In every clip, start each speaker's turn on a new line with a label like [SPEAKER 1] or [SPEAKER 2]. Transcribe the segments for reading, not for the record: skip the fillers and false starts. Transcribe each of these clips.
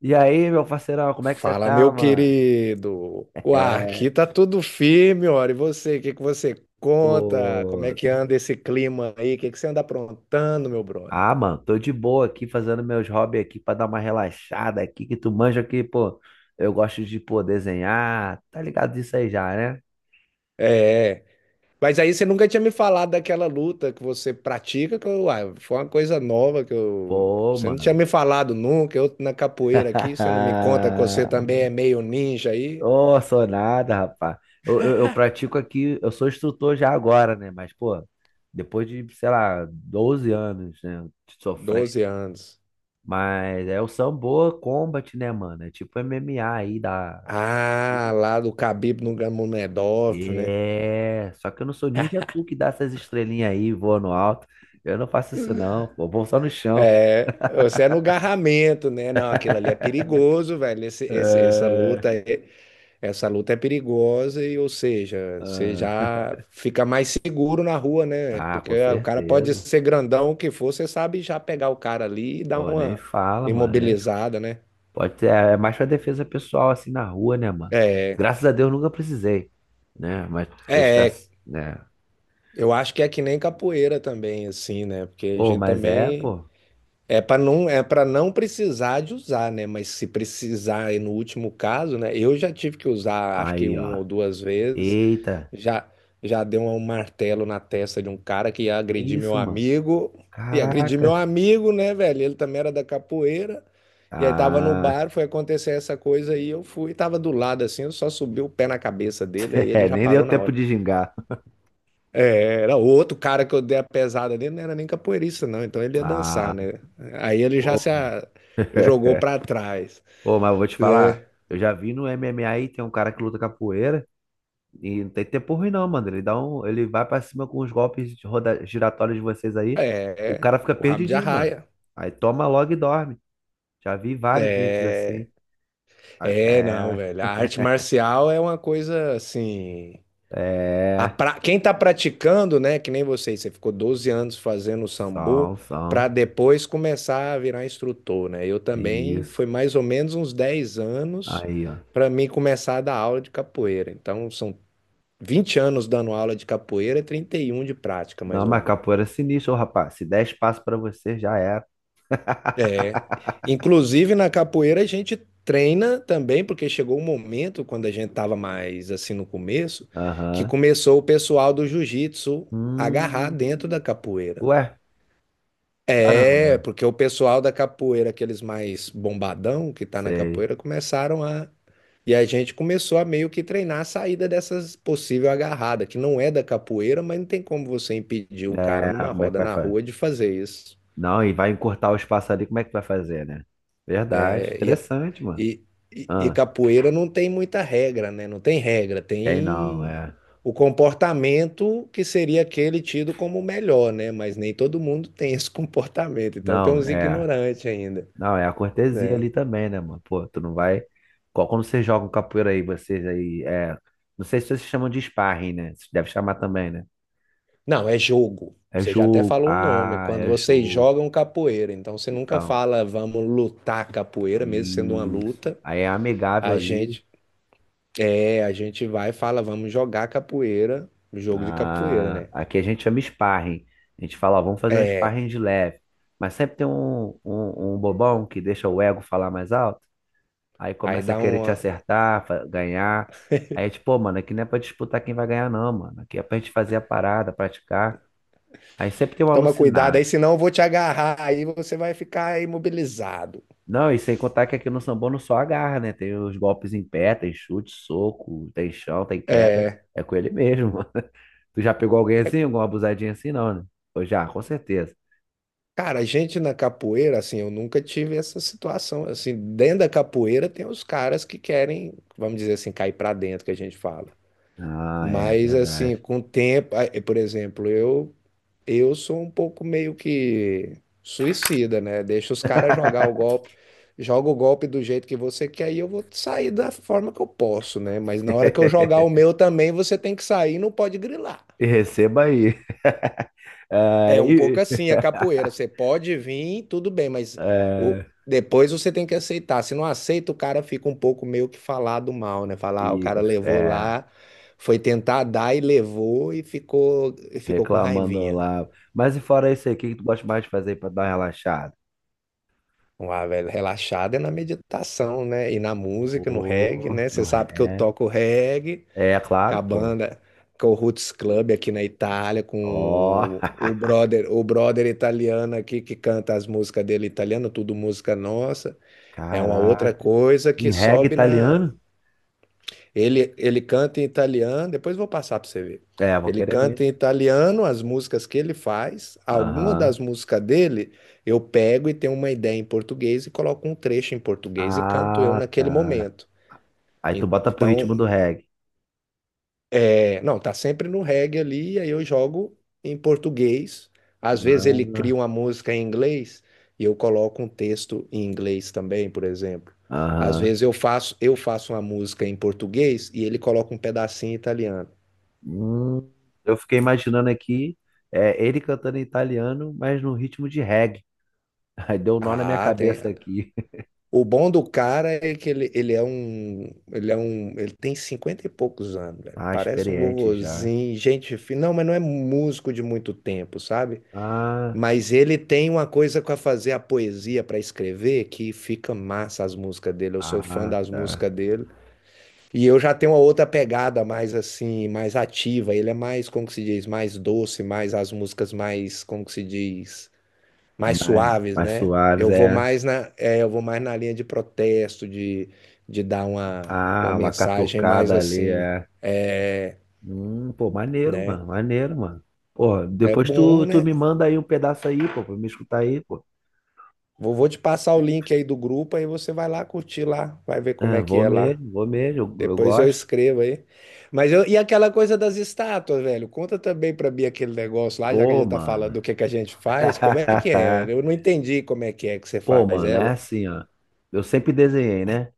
[SPEAKER 1] E aí, meu parceirão, como é que você
[SPEAKER 2] Fala,
[SPEAKER 1] tá,
[SPEAKER 2] meu
[SPEAKER 1] mano?
[SPEAKER 2] querido. Uai,
[SPEAKER 1] É,
[SPEAKER 2] aqui tá tudo firme, ora. E você, o que que você conta? Como
[SPEAKER 1] pô.
[SPEAKER 2] é que anda esse clima aí? O que que você anda aprontando, meu brother?
[SPEAKER 1] Ah, mano, tô de boa aqui fazendo meus hobbies aqui pra dar uma relaxada aqui, que tu manja aqui, pô. Eu gosto de, pô, desenhar, tá ligado disso aí já, né?
[SPEAKER 2] É, mas aí você nunca tinha me falado daquela luta que você pratica, que eu, uai, foi uma coisa nova que eu,
[SPEAKER 1] Pô,
[SPEAKER 2] você não tinha
[SPEAKER 1] mano.
[SPEAKER 2] me falado nunca. Eu na capoeira aqui, você não me conta que você também é meio ninja aí?
[SPEAKER 1] Ô, sou nada, rapaz. Eu pratico aqui, eu sou instrutor já agora, né? Mas, pô, depois de, sei lá, 12 anos, né, de sofrência.
[SPEAKER 2] 12 anos.
[SPEAKER 1] Mas é o Sambo Combat, né, mano? É tipo MMA aí da.
[SPEAKER 2] Ah, lá do Khabib Nurmagomedov, né?
[SPEAKER 1] É. Só que eu não sou ninja tu que dá essas estrelinhas aí, voa no alto. Eu não faço isso, não. Pô, eu vou só no chão.
[SPEAKER 2] É, você é no garramento, né? Não, aquilo ali é
[SPEAKER 1] É.
[SPEAKER 2] perigoso, velho. Essa luta é perigosa e, ou seja, você já fica mais seguro na rua, né?
[SPEAKER 1] Ah, tá,
[SPEAKER 2] Porque
[SPEAKER 1] com
[SPEAKER 2] o cara pode
[SPEAKER 1] certeza.
[SPEAKER 2] ser grandão o que for, você sabe já pegar o cara ali e dar
[SPEAKER 1] Ô, nem
[SPEAKER 2] uma
[SPEAKER 1] fala, mano, né?
[SPEAKER 2] imobilizada, né?
[SPEAKER 1] Pode ser, é mais pra defesa pessoal, assim, na rua, né, mano?
[SPEAKER 2] É,
[SPEAKER 1] Graças a Deus nunca precisei, né? Mas está,
[SPEAKER 2] é,
[SPEAKER 1] né?
[SPEAKER 2] eu acho que é que nem capoeira também, assim, né? Porque a
[SPEAKER 1] Ô,
[SPEAKER 2] gente
[SPEAKER 1] mas é,
[SPEAKER 2] também
[SPEAKER 1] pô.
[SPEAKER 2] é para não, é para não precisar de usar, né? Mas se precisar, e no último caso, né? Eu já tive que usar, acho que
[SPEAKER 1] Aí, ó.
[SPEAKER 2] uma ou duas vezes.
[SPEAKER 1] Eita,
[SPEAKER 2] Já, já deu um martelo na testa de um cara que ia
[SPEAKER 1] que
[SPEAKER 2] agredir meu
[SPEAKER 1] isso, mano?
[SPEAKER 2] amigo. E agredir meu
[SPEAKER 1] Caraca.
[SPEAKER 2] amigo, né, velho? Ele também era da capoeira. E aí tava no
[SPEAKER 1] Ah,
[SPEAKER 2] bar, foi acontecer essa coisa aí. Eu fui, tava do lado assim, eu só subi o pé na cabeça dele. Aí ele
[SPEAKER 1] é,
[SPEAKER 2] já
[SPEAKER 1] nem deu
[SPEAKER 2] parou na
[SPEAKER 1] tempo
[SPEAKER 2] hora.
[SPEAKER 1] de gingar.
[SPEAKER 2] É, era outro cara que eu dei a pesada dele, não era nem capoeirista, não. Então ele ia
[SPEAKER 1] Ah,
[SPEAKER 2] dançar, né? Aí ele já
[SPEAKER 1] pô,
[SPEAKER 2] se a- jogou
[SPEAKER 1] é.
[SPEAKER 2] pra trás,
[SPEAKER 1] Pô, mas eu vou te falar,
[SPEAKER 2] né?
[SPEAKER 1] eu já vi no MMA aí, tem um cara que luta capoeira e não tem tempo ruim não, mano. Ele dá um, ele vai pra cima com os golpes de roda, giratórios de vocês aí, o
[SPEAKER 2] É,
[SPEAKER 1] cara fica
[SPEAKER 2] o rabo de
[SPEAKER 1] perdidinho, mano.
[SPEAKER 2] arraia.
[SPEAKER 1] Aí toma logo e dorme. Já vi vários vídeos
[SPEAKER 2] É,
[SPEAKER 1] assim. Ah,
[SPEAKER 2] não,
[SPEAKER 1] é,
[SPEAKER 2] velho. A arte marcial é uma coisa assim. A
[SPEAKER 1] é,
[SPEAKER 2] pra... Quem tá praticando, né? Que nem você, você ficou 12 anos fazendo sambo
[SPEAKER 1] são,
[SPEAKER 2] pra
[SPEAKER 1] são,
[SPEAKER 2] depois começar a virar instrutor, né? Eu também
[SPEAKER 1] isso.
[SPEAKER 2] foi mais ou menos uns 10 anos.
[SPEAKER 1] Aí, ó.
[SPEAKER 2] Pra mim começar a dar aula de capoeira. Então, são 20 anos dando aula de capoeira, e 31 de prática, mais
[SPEAKER 1] Não,
[SPEAKER 2] ou
[SPEAKER 1] mas
[SPEAKER 2] menos.
[SPEAKER 1] capoeira é sinistro, ô, rapaz. Se der espaço pra você, já era.
[SPEAKER 2] Inclusive, na capoeira, a gente treina também, porque chegou um momento, quando a gente estava mais assim no começo, que
[SPEAKER 1] Aham.
[SPEAKER 2] começou o pessoal do jiu-jitsu agarrar dentro
[SPEAKER 1] Hum,
[SPEAKER 2] da capoeira.
[SPEAKER 1] ué, caramba.
[SPEAKER 2] É, porque o pessoal da capoeira, aqueles mais bombadão que tá na
[SPEAKER 1] Sei.
[SPEAKER 2] capoeira, começaram a. E a gente começou a meio que treinar a saída dessas possível agarrada, que não é da capoeira, mas não tem como você impedir um cara
[SPEAKER 1] É,
[SPEAKER 2] numa
[SPEAKER 1] como é que
[SPEAKER 2] roda
[SPEAKER 1] vai
[SPEAKER 2] na
[SPEAKER 1] fazer?
[SPEAKER 2] rua de fazer isso.
[SPEAKER 1] Não, e vai encurtar o espaço ali, como é que vai fazer, né? Verdade,
[SPEAKER 2] É,
[SPEAKER 1] interessante, mano.
[SPEAKER 2] e- e
[SPEAKER 1] Ah,
[SPEAKER 2] capoeira não tem muita regra, né? Não tem regra,
[SPEAKER 1] tem não,
[SPEAKER 2] tem
[SPEAKER 1] é.
[SPEAKER 2] o comportamento que seria aquele tido como o melhor, né? Mas nem todo mundo tem esse comportamento, então tem
[SPEAKER 1] Não,
[SPEAKER 2] uns
[SPEAKER 1] é.
[SPEAKER 2] ignorantes ainda.
[SPEAKER 1] Não, é a cortesia ali também, né, mano? Pô, tu não vai. Qual- Quando vocês jogam capoeira aí, vocês aí, é. Não sei se vocês chamam de sparring, né? Vocês devem chamar também, né?
[SPEAKER 2] Não, é jogo.
[SPEAKER 1] É
[SPEAKER 2] Você já até
[SPEAKER 1] jogo.
[SPEAKER 2] falou o nome.
[SPEAKER 1] Ah,
[SPEAKER 2] Quando
[SPEAKER 1] é
[SPEAKER 2] vocês
[SPEAKER 1] jogo.
[SPEAKER 2] jogam capoeira, então você nunca
[SPEAKER 1] Então,
[SPEAKER 2] fala vamos lutar capoeira, mesmo sendo uma
[SPEAKER 1] isso.
[SPEAKER 2] luta.
[SPEAKER 1] Aí é amigável
[SPEAKER 2] A
[SPEAKER 1] ali.
[SPEAKER 2] gente a gente vai e fala vamos jogar capoeira, jogo de capoeira,
[SPEAKER 1] Ah,
[SPEAKER 2] né?
[SPEAKER 1] aqui a gente chama sparring. A gente fala, ó, vamos fazer um
[SPEAKER 2] É,
[SPEAKER 1] sparring de leve. Mas sempre tem um bobão que deixa o ego falar mais alto. Aí
[SPEAKER 2] aí
[SPEAKER 1] começa a
[SPEAKER 2] dá
[SPEAKER 1] querer te
[SPEAKER 2] uma.
[SPEAKER 1] acertar, fa- ganhar. Aí é tipo, pô, mano, aqui não é pra disputar quem vai ganhar, não, mano. Aqui é pra gente fazer a parada, praticar. Aí sempre tem um
[SPEAKER 2] Toma cuidado aí,
[SPEAKER 1] alucinado.
[SPEAKER 2] senão eu vou te agarrar aí, você vai ficar imobilizado.
[SPEAKER 1] Não, e sem contar que aqui no Sambô não só agarra, né? Tem os golpes em pé, tem chute, soco, tem chão, tem
[SPEAKER 2] É.
[SPEAKER 1] queda. É com ele mesmo, mano. Tu já pegou alguém assim, alguma abusadinha assim, não, né? Ou já, com certeza.
[SPEAKER 2] Cara, a gente na capoeira, assim, eu nunca tive essa situação. Assim, dentro da capoeira tem os caras que querem, vamos dizer assim, cair pra dentro, que a gente fala.
[SPEAKER 1] Ah, é
[SPEAKER 2] Mas assim,
[SPEAKER 1] verdade.
[SPEAKER 2] com o tempo, ah, eh, por exemplo, eu sou um pouco meio que suicida, né? Deixa os caras jogar o golpe, joga o golpe do jeito que você quer e eu vou sair da forma que eu posso, né? Mas na hora que eu jogar o meu também, você tem que sair, não pode grilar.
[SPEAKER 1] E receba aí. Ah,
[SPEAKER 2] É um pouco
[SPEAKER 1] e,
[SPEAKER 2] assim a capoeira. Você pode vir, tudo bem, mas
[SPEAKER 1] é,
[SPEAKER 2] depois você tem que aceitar. Se não aceita, o cara fica um pouco meio que falado mal, né? Falar, ah, o cara
[SPEAKER 1] fica,
[SPEAKER 2] levou
[SPEAKER 1] é,
[SPEAKER 2] lá, foi tentar dar e levou e ficou com
[SPEAKER 1] reclamando
[SPEAKER 2] raivinha.
[SPEAKER 1] lá. Mas e fora isso aí, o que que tu gosta mais de fazer pra dar uma relaxada?
[SPEAKER 2] Ah, velho, relaxado é na meditação, né? E na música, no reggae,
[SPEAKER 1] Pô,
[SPEAKER 2] né?
[SPEAKER 1] no
[SPEAKER 2] Você sabe que eu
[SPEAKER 1] reggae.
[SPEAKER 2] toco reggae.
[SPEAKER 1] É,
[SPEAKER 2] Com a
[SPEAKER 1] claro, pô.
[SPEAKER 2] banda, com o Roots Club aqui na Itália,
[SPEAKER 1] Ó,
[SPEAKER 2] com o brother italiano aqui que canta as músicas dele italiano, tudo música nossa. É uma outra
[SPEAKER 1] caraca.
[SPEAKER 2] coisa
[SPEAKER 1] Em
[SPEAKER 2] que
[SPEAKER 1] reggae
[SPEAKER 2] sobe na.
[SPEAKER 1] italiano?
[SPEAKER 2] Ele canta em italiano, depois vou passar para você ver.
[SPEAKER 1] É, vou
[SPEAKER 2] Ele
[SPEAKER 1] querer
[SPEAKER 2] canta
[SPEAKER 1] mesmo.
[SPEAKER 2] em italiano as músicas que ele faz. Alguma
[SPEAKER 1] Aham.
[SPEAKER 2] das músicas dele eu pego e tenho uma ideia em português e coloco um trecho em português e canto eu
[SPEAKER 1] Ah,
[SPEAKER 2] naquele
[SPEAKER 1] tá.
[SPEAKER 2] momento.
[SPEAKER 1] Aí tu bota pro ritmo
[SPEAKER 2] Então,
[SPEAKER 1] do reggae.
[SPEAKER 2] é, não, tá sempre no reggae ali, e aí eu jogo em português. Às vezes ele cria
[SPEAKER 1] Ah,
[SPEAKER 2] uma música em inglês e eu coloco um texto em inglês também, por exemplo. Às
[SPEAKER 1] aham.
[SPEAKER 2] vezes eu faço uma música em português e ele coloca um pedacinho em italiano.
[SPEAKER 1] Hum, eu fiquei imaginando aqui, é, ele cantando em italiano, mas no ritmo de reggae. Aí deu um nó na minha
[SPEAKER 2] Ah, tem.
[SPEAKER 1] cabeça aqui.
[SPEAKER 2] O bom do cara é que ele tem 50 e poucos anos, velho.
[SPEAKER 1] Ah,
[SPEAKER 2] Parece um
[SPEAKER 1] experiente já.
[SPEAKER 2] vovozinho, gente fina. Não, mas não é músico de muito tempo, sabe?
[SPEAKER 1] Ah,
[SPEAKER 2] Mas ele tem uma coisa para fazer a poesia, para escrever, que fica massa as músicas dele. Eu sou fã
[SPEAKER 1] ah,
[SPEAKER 2] das
[SPEAKER 1] tá.
[SPEAKER 2] músicas dele. E eu já tenho uma outra pegada mais assim, mais ativa. Ele é mais, como que se diz, mais doce, mais as músicas mais, como que se diz, mais
[SPEAKER 1] Mais,
[SPEAKER 2] suaves,
[SPEAKER 1] mais
[SPEAKER 2] né?
[SPEAKER 1] suaves,
[SPEAKER 2] Eu vou
[SPEAKER 1] é.
[SPEAKER 2] mais na, é, eu vou mais na linha de protesto, de dar uma
[SPEAKER 1] Ah, uma
[SPEAKER 2] mensagem mais
[SPEAKER 1] catucada ali,
[SPEAKER 2] assim,
[SPEAKER 1] é.
[SPEAKER 2] é,
[SPEAKER 1] Pô, maneiro,
[SPEAKER 2] né?
[SPEAKER 1] mano, maneiro, mano. Pô,
[SPEAKER 2] É
[SPEAKER 1] depois
[SPEAKER 2] bom,
[SPEAKER 1] tu
[SPEAKER 2] né?
[SPEAKER 1] me manda aí um pedaço aí, pô, pra me escutar aí, pô.
[SPEAKER 2] Vou te passar o link aí do grupo, aí você vai lá curtir lá, vai ver como
[SPEAKER 1] É,
[SPEAKER 2] é que é lá.
[SPEAKER 1] vou mesmo, eu
[SPEAKER 2] Depois eu
[SPEAKER 1] gosto.
[SPEAKER 2] escrevo aí. Mas eu, e aquela coisa das estátuas, velho? Conta também pra mim aquele negócio lá, já que a
[SPEAKER 1] Pô,
[SPEAKER 2] gente tá falando
[SPEAKER 1] mano.
[SPEAKER 2] do que a gente faz. Como é que é, velho? Eu não entendi como é que você
[SPEAKER 1] Pô,
[SPEAKER 2] faz
[SPEAKER 1] mano, é
[SPEAKER 2] ela.
[SPEAKER 1] assim, ó. Eu sempre desenhei, né?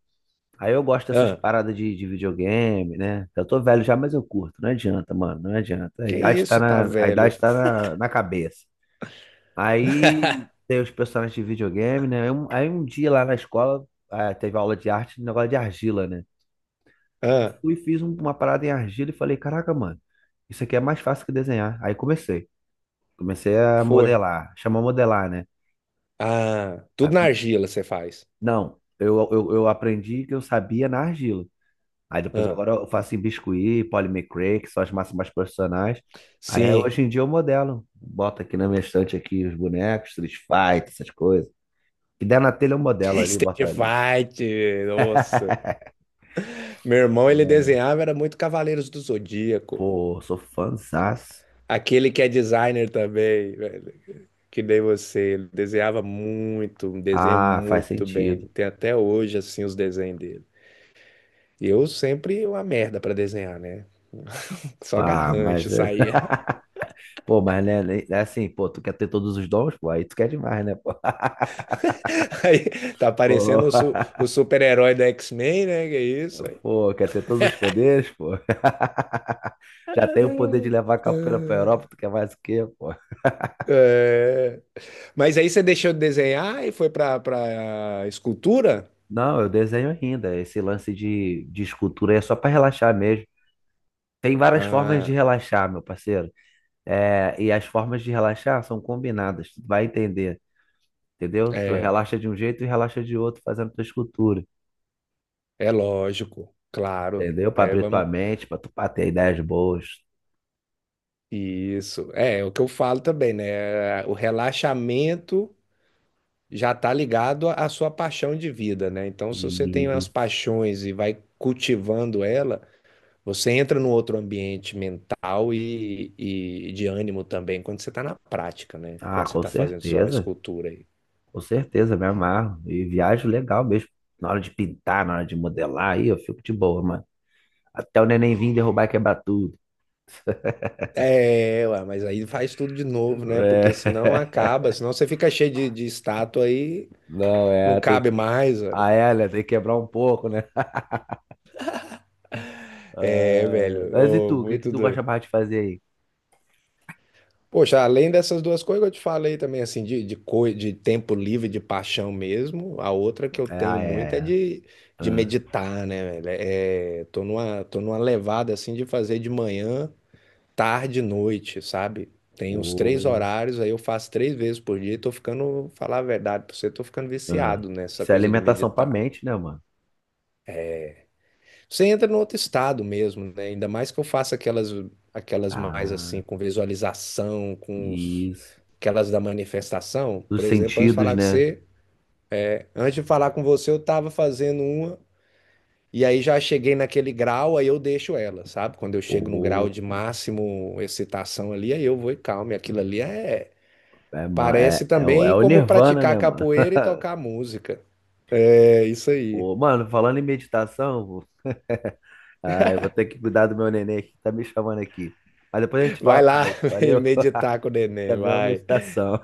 [SPEAKER 1] Aí eu gosto dessas
[SPEAKER 2] Ah,
[SPEAKER 1] paradas de videogame, né? Eu tô velho já, mas eu curto. Não adianta, mano, não adianta. A
[SPEAKER 2] que
[SPEAKER 1] idade tá
[SPEAKER 2] isso, tá,
[SPEAKER 1] na, a
[SPEAKER 2] velho?
[SPEAKER 1] idade tá na, na cabeça. Aí tem os personagens de videogame, né? Aí um dia lá na escola, ah, teve aula de arte, um negócio de argila, né? Aí eu
[SPEAKER 2] Ah,
[SPEAKER 1] fui e fiz uma parada em argila e falei, caraca, mano, isso aqui é mais fácil que desenhar. Aí comecei. Comecei a
[SPEAKER 2] foi.
[SPEAKER 1] modelar, chama modelar, né?
[SPEAKER 2] Ah,
[SPEAKER 1] Aí
[SPEAKER 2] tudo na
[SPEAKER 1] come-
[SPEAKER 2] argila você faz.
[SPEAKER 1] Não, eu aprendi que eu sabia na argila. Aí depois
[SPEAKER 2] Ah,
[SPEAKER 1] agora eu faço em biscuit, Polly McRae, que são as massas mais profissionais. Aí
[SPEAKER 2] sim.
[SPEAKER 1] hoje em dia eu modelo. Boto aqui na minha estante aqui os bonecos, Street Fighter, essas coisas. Que der na telha eu modelo ali, bota
[SPEAKER 2] Stage
[SPEAKER 1] ali.
[SPEAKER 2] fight, nossa. Meu irmão, ele desenhava, era muito Cavaleiros do Zodíaco.
[SPEAKER 1] Pô, sou fãzaço.
[SPEAKER 2] Aquele que é designer também, velho. Que nem você, desenhava muito, desenha
[SPEAKER 1] Ah, faz
[SPEAKER 2] muito bem.
[SPEAKER 1] sentido.
[SPEAKER 2] Tem até hoje, assim, os desenhos dele. E eu sempre uma merda pra desenhar, né? Só
[SPEAKER 1] Pá,
[SPEAKER 2] garrancho
[SPEAKER 1] mas... é-
[SPEAKER 2] saía.
[SPEAKER 1] Pô, mas né, né, é assim, pô, tu quer ter todos os dons, pô, aí tu quer demais, né, pô?
[SPEAKER 2] Aí tá
[SPEAKER 1] Pô,
[SPEAKER 2] parecendo o super-herói do X-Men, né? Que é isso? Aí,
[SPEAKER 1] pô, quer ter todos os poderes, pô? Já tem o poder de levar a capoeira pra Europa, tu quer mais o quê, pô?
[SPEAKER 2] é... Mas aí você deixou de desenhar e foi pra, pra escultura?
[SPEAKER 1] Não, eu desenho ainda. Esse lance de escultura é só para relaxar mesmo. Tem várias formas de
[SPEAKER 2] Ah,
[SPEAKER 1] relaxar, meu parceiro. É, e as formas de relaxar são combinadas. Tu vai entender, entendeu? Tu
[SPEAKER 2] é.
[SPEAKER 1] relaxa de um jeito e relaxa de outro fazendo tua escultura,
[SPEAKER 2] É lógico, claro.
[SPEAKER 1] entendeu? Para
[SPEAKER 2] É,
[SPEAKER 1] abrir tua
[SPEAKER 2] vamos.
[SPEAKER 1] mente, para tu pra ter ideias boas.
[SPEAKER 2] Isso. É, é o que eu falo também, né? O relaxamento já tá ligado à sua paixão de vida, né? Então, se você tem
[SPEAKER 1] E
[SPEAKER 2] umas paixões e vai cultivando ela, você entra num outro ambiente mental e de ânimo também quando você tá na prática, né?
[SPEAKER 1] ah,
[SPEAKER 2] Quando você tá fazendo sua escultura aí.
[SPEAKER 1] com certeza, me amarro. E viajo legal mesmo. Na hora de pintar, na hora de modelar, aí eu fico de boa, mano. Até o neném vir derrubar e quebrar tudo.
[SPEAKER 2] É, ué, mas aí faz tudo de novo, né? Porque senão
[SPEAKER 1] É.
[SPEAKER 2] acaba, senão você fica cheio de estátua aí,
[SPEAKER 1] Não,
[SPEAKER 2] não
[SPEAKER 1] é, tem
[SPEAKER 2] cabe
[SPEAKER 1] que.
[SPEAKER 2] mais, velho.
[SPEAKER 1] Ah, é, né? Tem que quebrar um pouco, né? Ah,
[SPEAKER 2] É, velho,
[SPEAKER 1] mas e
[SPEAKER 2] ô,
[SPEAKER 1] tu? O que que
[SPEAKER 2] muito
[SPEAKER 1] tu gosta
[SPEAKER 2] doido.
[SPEAKER 1] mais de fazer aí?
[SPEAKER 2] Poxa, além dessas duas coisas que eu te falei também, assim, de, de tempo livre, de paixão mesmo, a outra que eu
[SPEAKER 1] É,
[SPEAKER 2] tenho
[SPEAKER 1] ah, é,
[SPEAKER 2] muito é
[SPEAKER 1] é.
[SPEAKER 2] de,
[SPEAKER 1] Ah,
[SPEAKER 2] meditar, né, velho? É, tô numa levada, assim, de fazer de manhã, tarde e noite, sabe? Tem uns
[SPEAKER 1] pô,
[SPEAKER 2] três horários, aí eu faço três vezes por dia e tô ficando, falar a verdade pra você, tô ficando
[SPEAKER 1] ah.
[SPEAKER 2] viciado nessa
[SPEAKER 1] Isso é
[SPEAKER 2] coisa de
[SPEAKER 1] alimentação pra
[SPEAKER 2] meditar.
[SPEAKER 1] mente, né, mano?
[SPEAKER 2] Você entra no outro estado mesmo, né? Ainda mais que eu faça aquelas, aquelas mais
[SPEAKER 1] Ah,
[SPEAKER 2] assim, com visualização, com
[SPEAKER 1] isso.
[SPEAKER 2] aquelas da manifestação.
[SPEAKER 1] Dos
[SPEAKER 2] Por exemplo,
[SPEAKER 1] sentidos, né?
[SPEAKER 2] antes de falar com você, eu estava fazendo uma e aí já cheguei naquele grau, aí eu deixo ela, sabe? Quando eu chego no grau
[SPEAKER 1] Pô,
[SPEAKER 2] de máximo excitação ali, aí eu vou e calmo. E aquilo ali é,
[SPEAKER 1] é, ma- é,
[SPEAKER 2] parece
[SPEAKER 1] é, o é
[SPEAKER 2] também
[SPEAKER 1] o
[SPEAKER 2] como
[SPEAKER 1] Nirvana,
[SPEAKER 2] praticar
[SPEAKER 1] né, mano?
[SPEAKER 2] capoeira e tocar música. É isso aí.
[SPEAKER 1] Pô, mano, falando em meditação, vou- ah, eu vou ter que cuidar do meu neném aqui, que tá me chamando aqui. Mas depois a gente fala
[SPEAKER 2] Vai lá
[SPEAKER 1] mais, valeu?
[SPEAKER 2] meditar com o
[SPEAKER 1] Isso
[SPEAKER 2] neném,
[SPEAKER 1] também é uma
[SPEAKER 2] vai.
[SPEAKER 1] meditação.